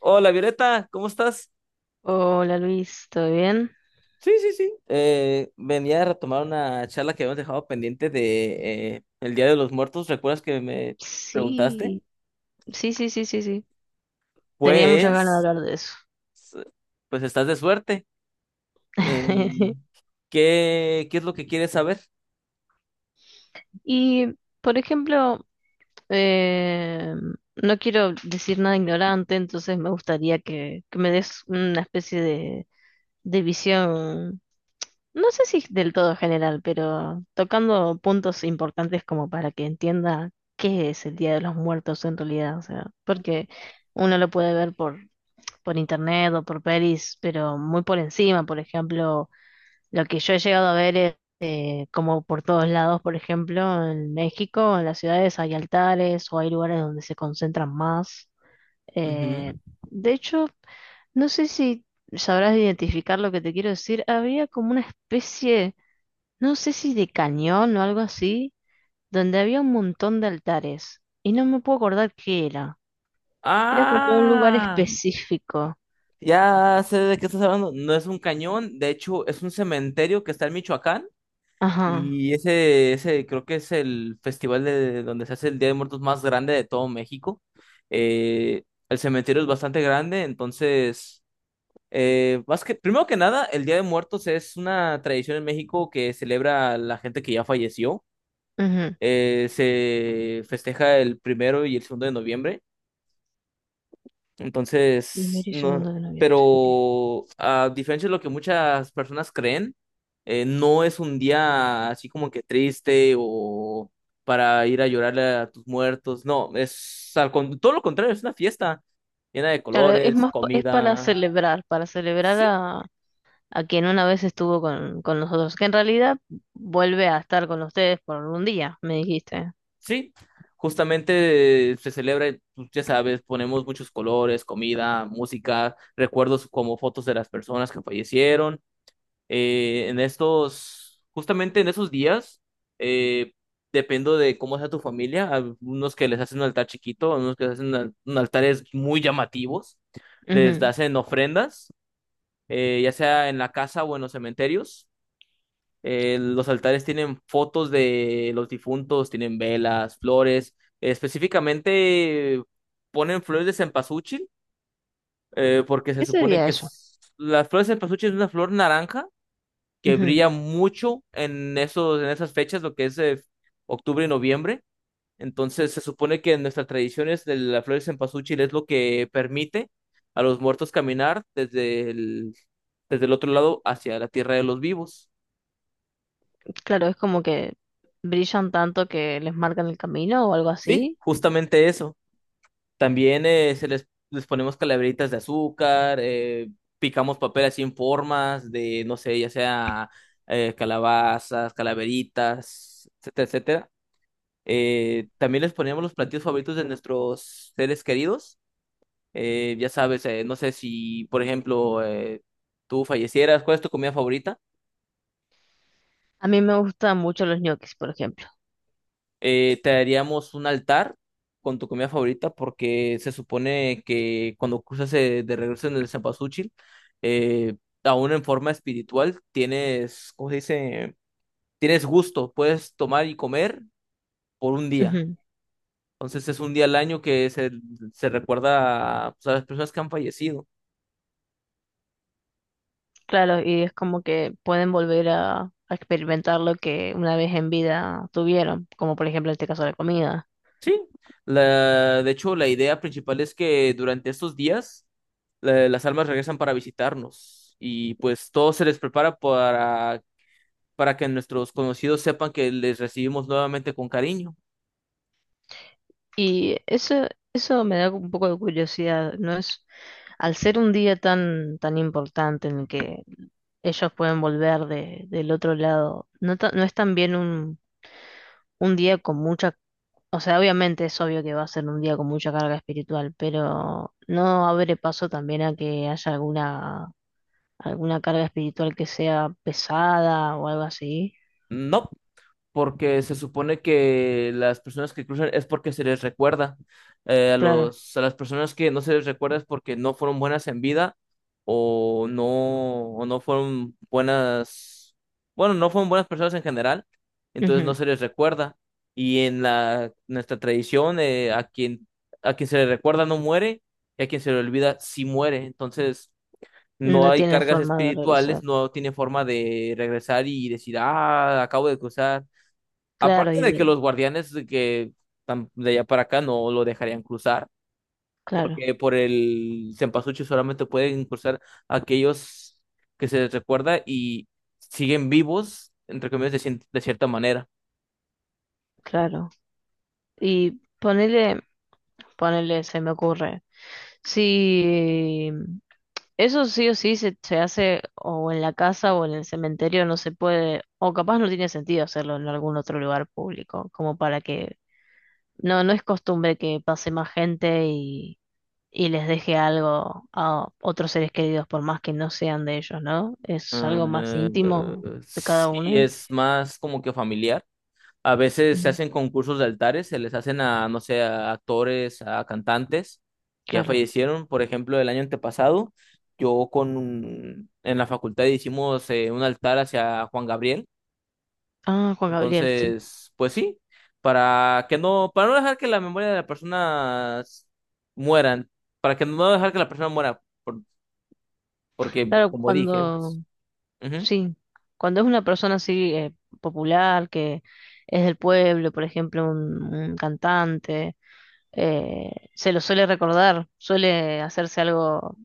Hola Violeta, ¿cómo estás? Hola Luis, ¿todo bien? Sí, sí, sí. Venía a retomar una charla que habíamos dejado pendiente de el Día de los Muertos. ¿Recuerdas que me preguntaste? Sí, sí, sí, sí, sí, sí. Tenía muchas ganas de Pues, hablar de eso. pues, estás de suerte. Eh, qué es lo que quieres saber? Y, por ejemplo, eh, no quiero decir nada ignorante, entonces me gustaría que me des una especie de visión, no sé si del todo general, pero tocando puntos importantes como para que entienda qué es el Día de los Muertos en realidad, o sea, porque uno lo puede ver por internet o por pelis, pero muy por encima. Por ejemplo, lo que yo he llegado a ver es como por todos lados, por ejemplo, en México, en las ciudades hay altares o hay lugares donde se concentran más. Ujú. Eh, de hecho, no sé si sabrás identificar lo que te quiero decir. Había como una especie, no sé si de cañón o algo así, donde había un montón de altares. Y no me puedo acordar qué era. Era como un lugar Ah, específico. ya sé de qué estás hablando. No es un cañón, de hecho es un cementerio que está en Michoacán. Ajá. Y ese creo que es el festival de donde se hace el Día de Muertos más grande de todo México. Eh, el cementerio es bastante grande. Entonces, primero que nada, el Día de Muertos es una tradición en México que celebra a la gente que ya falleció. Ujú. Se festeja el primero y el segundo de noviembre. Entonces, Primero y no, segundo de noviembre. Ok. pero a diferencia de lo que muchas personas creen, no es un día así como que triste o para ir a llorarle a tus muertos. No, es todo lo contrario, es una fiesta llena de Claro, es colores, más, es comida. Para celebrar Sí, a quien una vez estuvo con nosotros, que en realidad vuelve a estar con ustedes por un día, me dijiste. sí. Justamente se celebra, pues, ya sabes, ponemos muchos colores, comida, música, recuerdos como fotos de las personas que fallecieron. Justamente en esos días, eh, dependo de cómo sea tu familia, algunos que les hacen un altar chiquito, algunos que les hacen un altares muy llamativos, les Ujú. hacen ofrendas, ya sea en la casa o en los cementerios. Los altares tienen fotos de los difuntos, tienen velas, flores, específicamente ponen flores de cempasúchil, porque se ¿Qué supone sería que eso? Las flores de cempasúchil es una flor naranja que Ujú. brilla mucho en esas fechas, lo que es octubre y noviembre. Entonces se supone que en nuestras tradiciones de la flor de cempasúchil es lo que permite a los muertos caminar desde el otro lado hacia la tierra de los vivos. Claro, es como que brillan tanto que les marcan el camino o algo Sí, así. justamente eso. También les ponemos calaveritas de azúcar, picamos papel así en formas de, no sé, ya sea calabazas, calaveritas, etcétera, etcétera. También les poníamos los platillos favoritos de nuestros seres queridos. Ya sabes, no sé si, por ejemplo, tú fallecieras, ¿cuál es tu comida favorita? A mí me gustan mucho los ñoquis, por ejemplo. Te haríamos un altar con tu comida favorita porque se supone que cuando cruzas de regreso en el Cempasúchil, eh, aún en forma espiritual, tienes, ¿cómo se dice? Tienes gusto, puedes tomar y comer por un día. Ujú. Entonces es un día al año que se recuerda, pues, a las personas que han fallecido. Claro, y es como que pueden volver a experimentar lo que una vez en vida tuvieron, como por ejemplo en este caso la comida. Sí, de hecho, la idea principal es que durante estos días las almas regresan para visitarnos y pues todo se les prepara para que nuestros conocidos sepan que les recibimos nuevamente con cariño. Y eso me da un poco de curiosidad, ¿no es? Al ser un día tan, tan importante en el que ellos pueden volver de, del otro lado. No, no es también un día con mucha, o sea, obviamente es obvio que va a ser un día con mucha carga espiritual, pero no abre paso también a que haya alguna, alguna carga espiritual que sea pesada o algo así. No, porque se supone que las personas que cruzan es porque se les recuerda. Eh, a Claro, los, a las personas que no se les recuerda es porque no fueron buenas en vida, o no fueron buenas, bueno, no fueron buenas personas en general, entonces no ujú. se les recuerda. Y en nuestra tradición, a quien se le recuerda no muere, y a quien se le olvida sí muere. Entonces, no No hay tienen cargas forma de espirituales, regresar. no tiene forma de regresar y decir, ah, acabo de cruzar. Claro, Aparte de que los guardianes de de allá para acá no lo dejarían cruzar, claro, porque por el cempasúchil solamente pueden cruzar aquellos que se les recuerda y siguen vivos, entre comillas, de cierta manera. claro. Y ponele, ponele, se me ocurre. Si eso sí o sí se hace o en la casa o en el cementerio, no se puede, o capaz no tiene sentido hacerlo en algún otro lugar público, como para que no, no es costumbre que pase más gente y les deje algo a otros seres queridos, por más que no sean de ellos, ¿no? Es algo más Eh, íntimo de cada sí, uno. es más como que familiar. A veces se Mm. hacen concursos de altares, se les hacen a, no sé, a actores, a cantantes que ya Claro. fallecieron. Por ejemplo, el año antepasado, yo en la facultad hicimos un altar hacia Juan Gabriel. Ah, Juan Gabriel, sí. Entonces, pues sí, para que no, para no dejar que la memoria de la persona mueran, para que no dejar que la persona muera, porque Claro, como dije, cuando, pues. sí, cuando es una persona así popular, que es del pueblo, por ejemplo, un cantante, se lo suele recordar, suele hacerse algo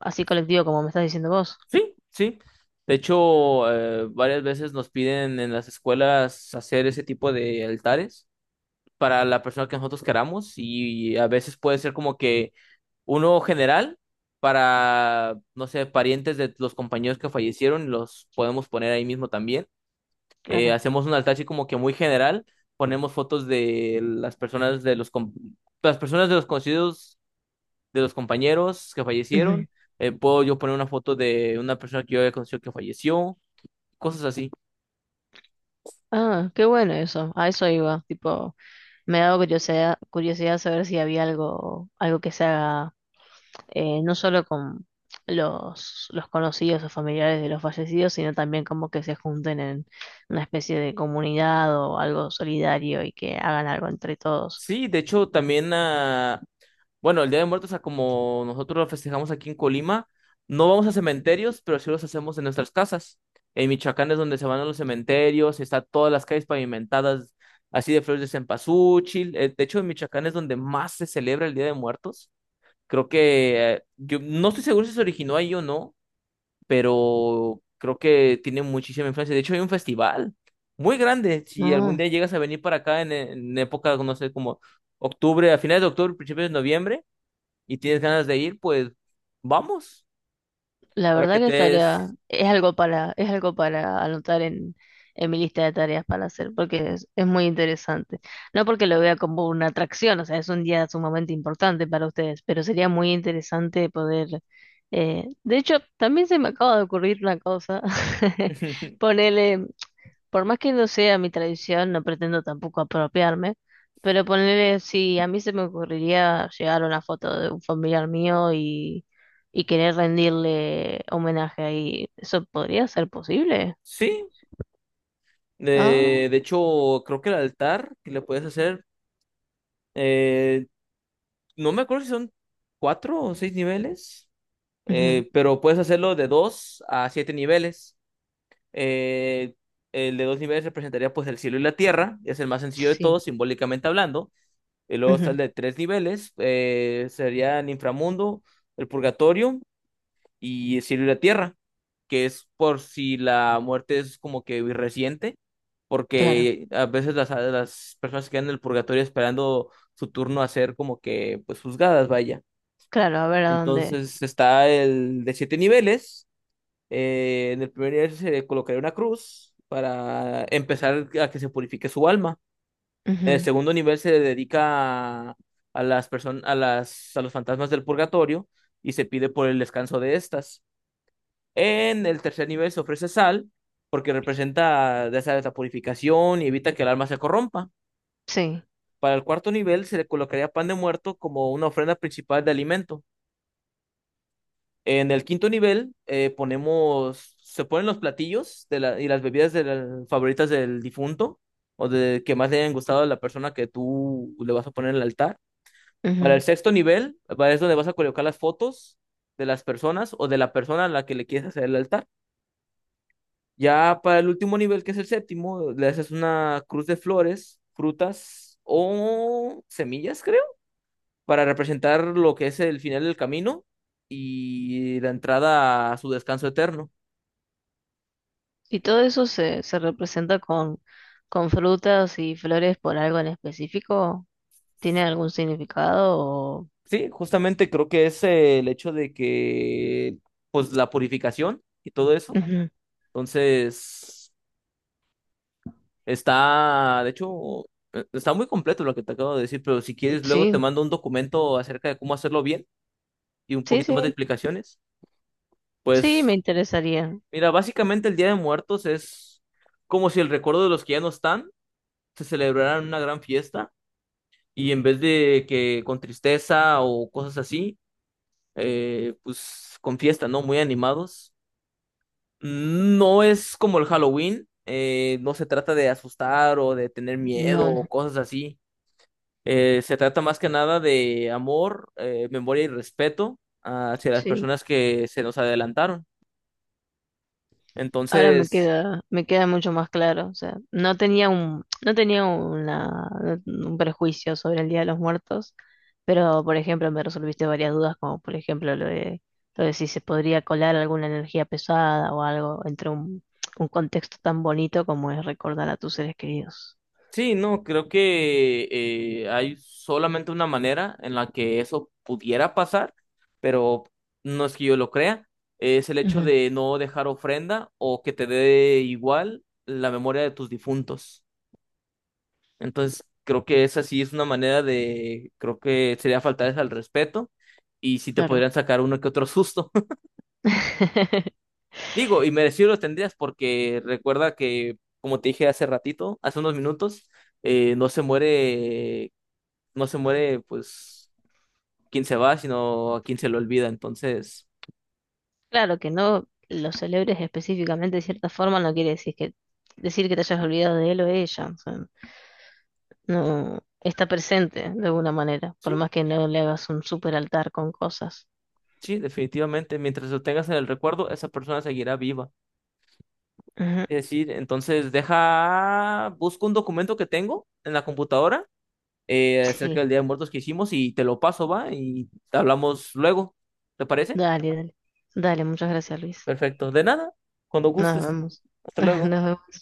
así colectivo como me estás diciendo vos. Sí, sí. De hecho, varias veces nos piden en las escuelas hacer ese tipo de altares para la persona que nosotros queramos, y a veces puede ser como que uno general para, no sé, parientes de los compañeros que fallecieron, los podemos poner ahí mismo también. Claro. Hacemos un altar así como que muy general, ponemos fotos de las personas de las personas de los conocidos de los compañeros que fallecieron. Ujú. Puedo yo poner una foto de una persona que yo había conocido que falleció, cosas así. Ah, qué bueno eso, a eso iba, tipo, me daba curiosidad, curiosidad saber si había algo, algo que se haga no solo con los conocidos o familiares de los fallecidos, sino también como que se junten en una especie de comunidad o algo solidario y que hagan algo entre todos. Sí, de hecho, también, ah, bueno, el Día de Muertos, ah, como nosotros lo festejamos aquí en Colima, no vamos a cementerios, pero sí los hacemos en nuestras casas. En Michoacán es donde se van a los cementerios, está todas las calles pavimentadas así de flores de cempasúchil. De hecho, en Michoacán es donde más se celebra el Día de Muertos. Creo que yo no estoy seguro si se originó ahí o no, pero creo que tiene muchísima influencia. De hecho, hay un festival muy grande. Si algún No. día llegas a venir para acá en época, no sé, como octubre, a finales de octubre, principios de noviembre, y tienes ganas de ir, pues vamos, La para verdad que que te estaría, des... es algo para anotar en mi lista de tareas para hacer, porque es muy interesante. No porque lo vea como una atracción, o sea, es un día sumamente importante para ustedes, pero sería muy interesante poder, de hecho, también se me acaba de ocurrir una cosa, ponerle por más que no sea mi tradición, no pretendo tampoco apropiarme, pero ponerle, si a mí se me ocurriría llegar a una foto de un familiar mío y querer rendirle homenaje ahí, ¿eso podría ser posible? Sí, Ah, de hecho, creo que el altar que le puedes hacer, eh, no me acuerdo si son cuatro o seis niveles, ujú, pero puedes hacerlo de dos a siete niveles. Eh, el de dos niveles representaría, pues, el cielo y la tierra, es el más sencillo de sí, todos, simbólicamente hablando. Y luego está el ujú, de tres niveles, sería el inframundo, el purgatorio y el cielo y la tierra, que es por si la muerte es como que reciente, claro, porque a veces las personas se quedan en el purgatorio esperando su turno a ser como que, pues, juzgadas, vaya. claro, a ver a dónde. Entonces está el de siete niveles. En el primer nivel se le colocaría una cruz para empezar a que se purifique su alma. En el Ujú, segundo nivel se le dedica a las personas, a los fantasmas del purgatorio, y se pide por el descanso de estas. En el tercer nivel se ofrece sal porque representa de esa esa purificación y evita que el alma se corrompa. sí, Para el cuarto nivel se le colocaría pan de muerto como una ofrenda principal de alimento. En el quinto nivel, ponemos, se ponen los platillos y las bebidas favoritas del difunto, o de que más le hayan gustado a la persona que tú le vas a poner en el altar. Para el ujú. sexto nivel, para es donde vas a colocar las fotos de las personas o de la persona a la que le quieres hacer el altar. Ya para el último nivel, que es el séptimo, le haces una cruz de flores, frutas o semillas, creo, para representar lo que es el final del camino y la entrada a su descanso eterno. Y todo eso se, se representa con frutas y flores por algo en específico. ¿Tiene algún significado? O... Sí, justamente creo que es, el hecho de que, pues, la purificación y todo eso. Ujú. Entonces, de hecho, está muy completo lo que te acabo de decir, pero si quieres, luego te Sí, mando un documento acerca de cómo hacerlo bien y un sí, poquito más de sí. explicaciones. Sí, me Pues, interesaría. mira, básicamente el Día de Muertos es como si el recuerdo de los que ya no están se celebrara en una gran fiesta, y en vez de que con tristeza o cosas así, pues, con fiesta, ¿no? Muy animados. No es como el Halloween, no se trata de asustar o de tener miedo No, no, o cosas así. Se trata más que nada de amor, memoria y respeto hacia las sí. personas que se nos adelantaron. Ahora Entonces, me queda mucho más claro. O sea, no tenía un, no tenía una, un prejuicio sobre el Día de los Muertos, pero por ejemplo me resolviste varias dudas, como por ejemplo lo de si se podría colar alguna energía pesada o algo entre un contexto tan bonito como es recordar a tus seres queridos. sí, no, creo que hay solamente una manera en la que eso pudiera pasar, pero no es que yo lo crea. Es el hecho Ujú, de no dejar ofrenda o que te dé igual la memoria de tus difuntos. Entonces, creo que esa sí es una manera de, creo que sería faltarles al respeto y sí te claro. podrían sacar uno que otro susto. Digo, y merecido los tendrías porque recuerda que, como te dije hace ratito, hace unos minutos, no se muere, no se muere, pues, quien se va, sino a quien se lo olvida. Entonces, Claro, que no lo celebres específicamente de cierta forma no quiere decir que te hayas olvidado de él o ella. O sea, no está presente de alguna manera, por sí, más que no le hagas un super altar con cosas. sí, definitivamente, mientras lo tengas en el recuerdo, esa persona seguirá viva. Ujú. Es decir, entonces deja, busco un documento que tengo en la computadora acerca Sí, del Día de Muertos que hicimos y te lo paso, va, y hablamos luego. ¿Te parece? dale, dale. Dale, muchas gracias, Luis. Perfecto. De nada, cuando Nos gustes. vemos. Hasta luego. Nos vemos.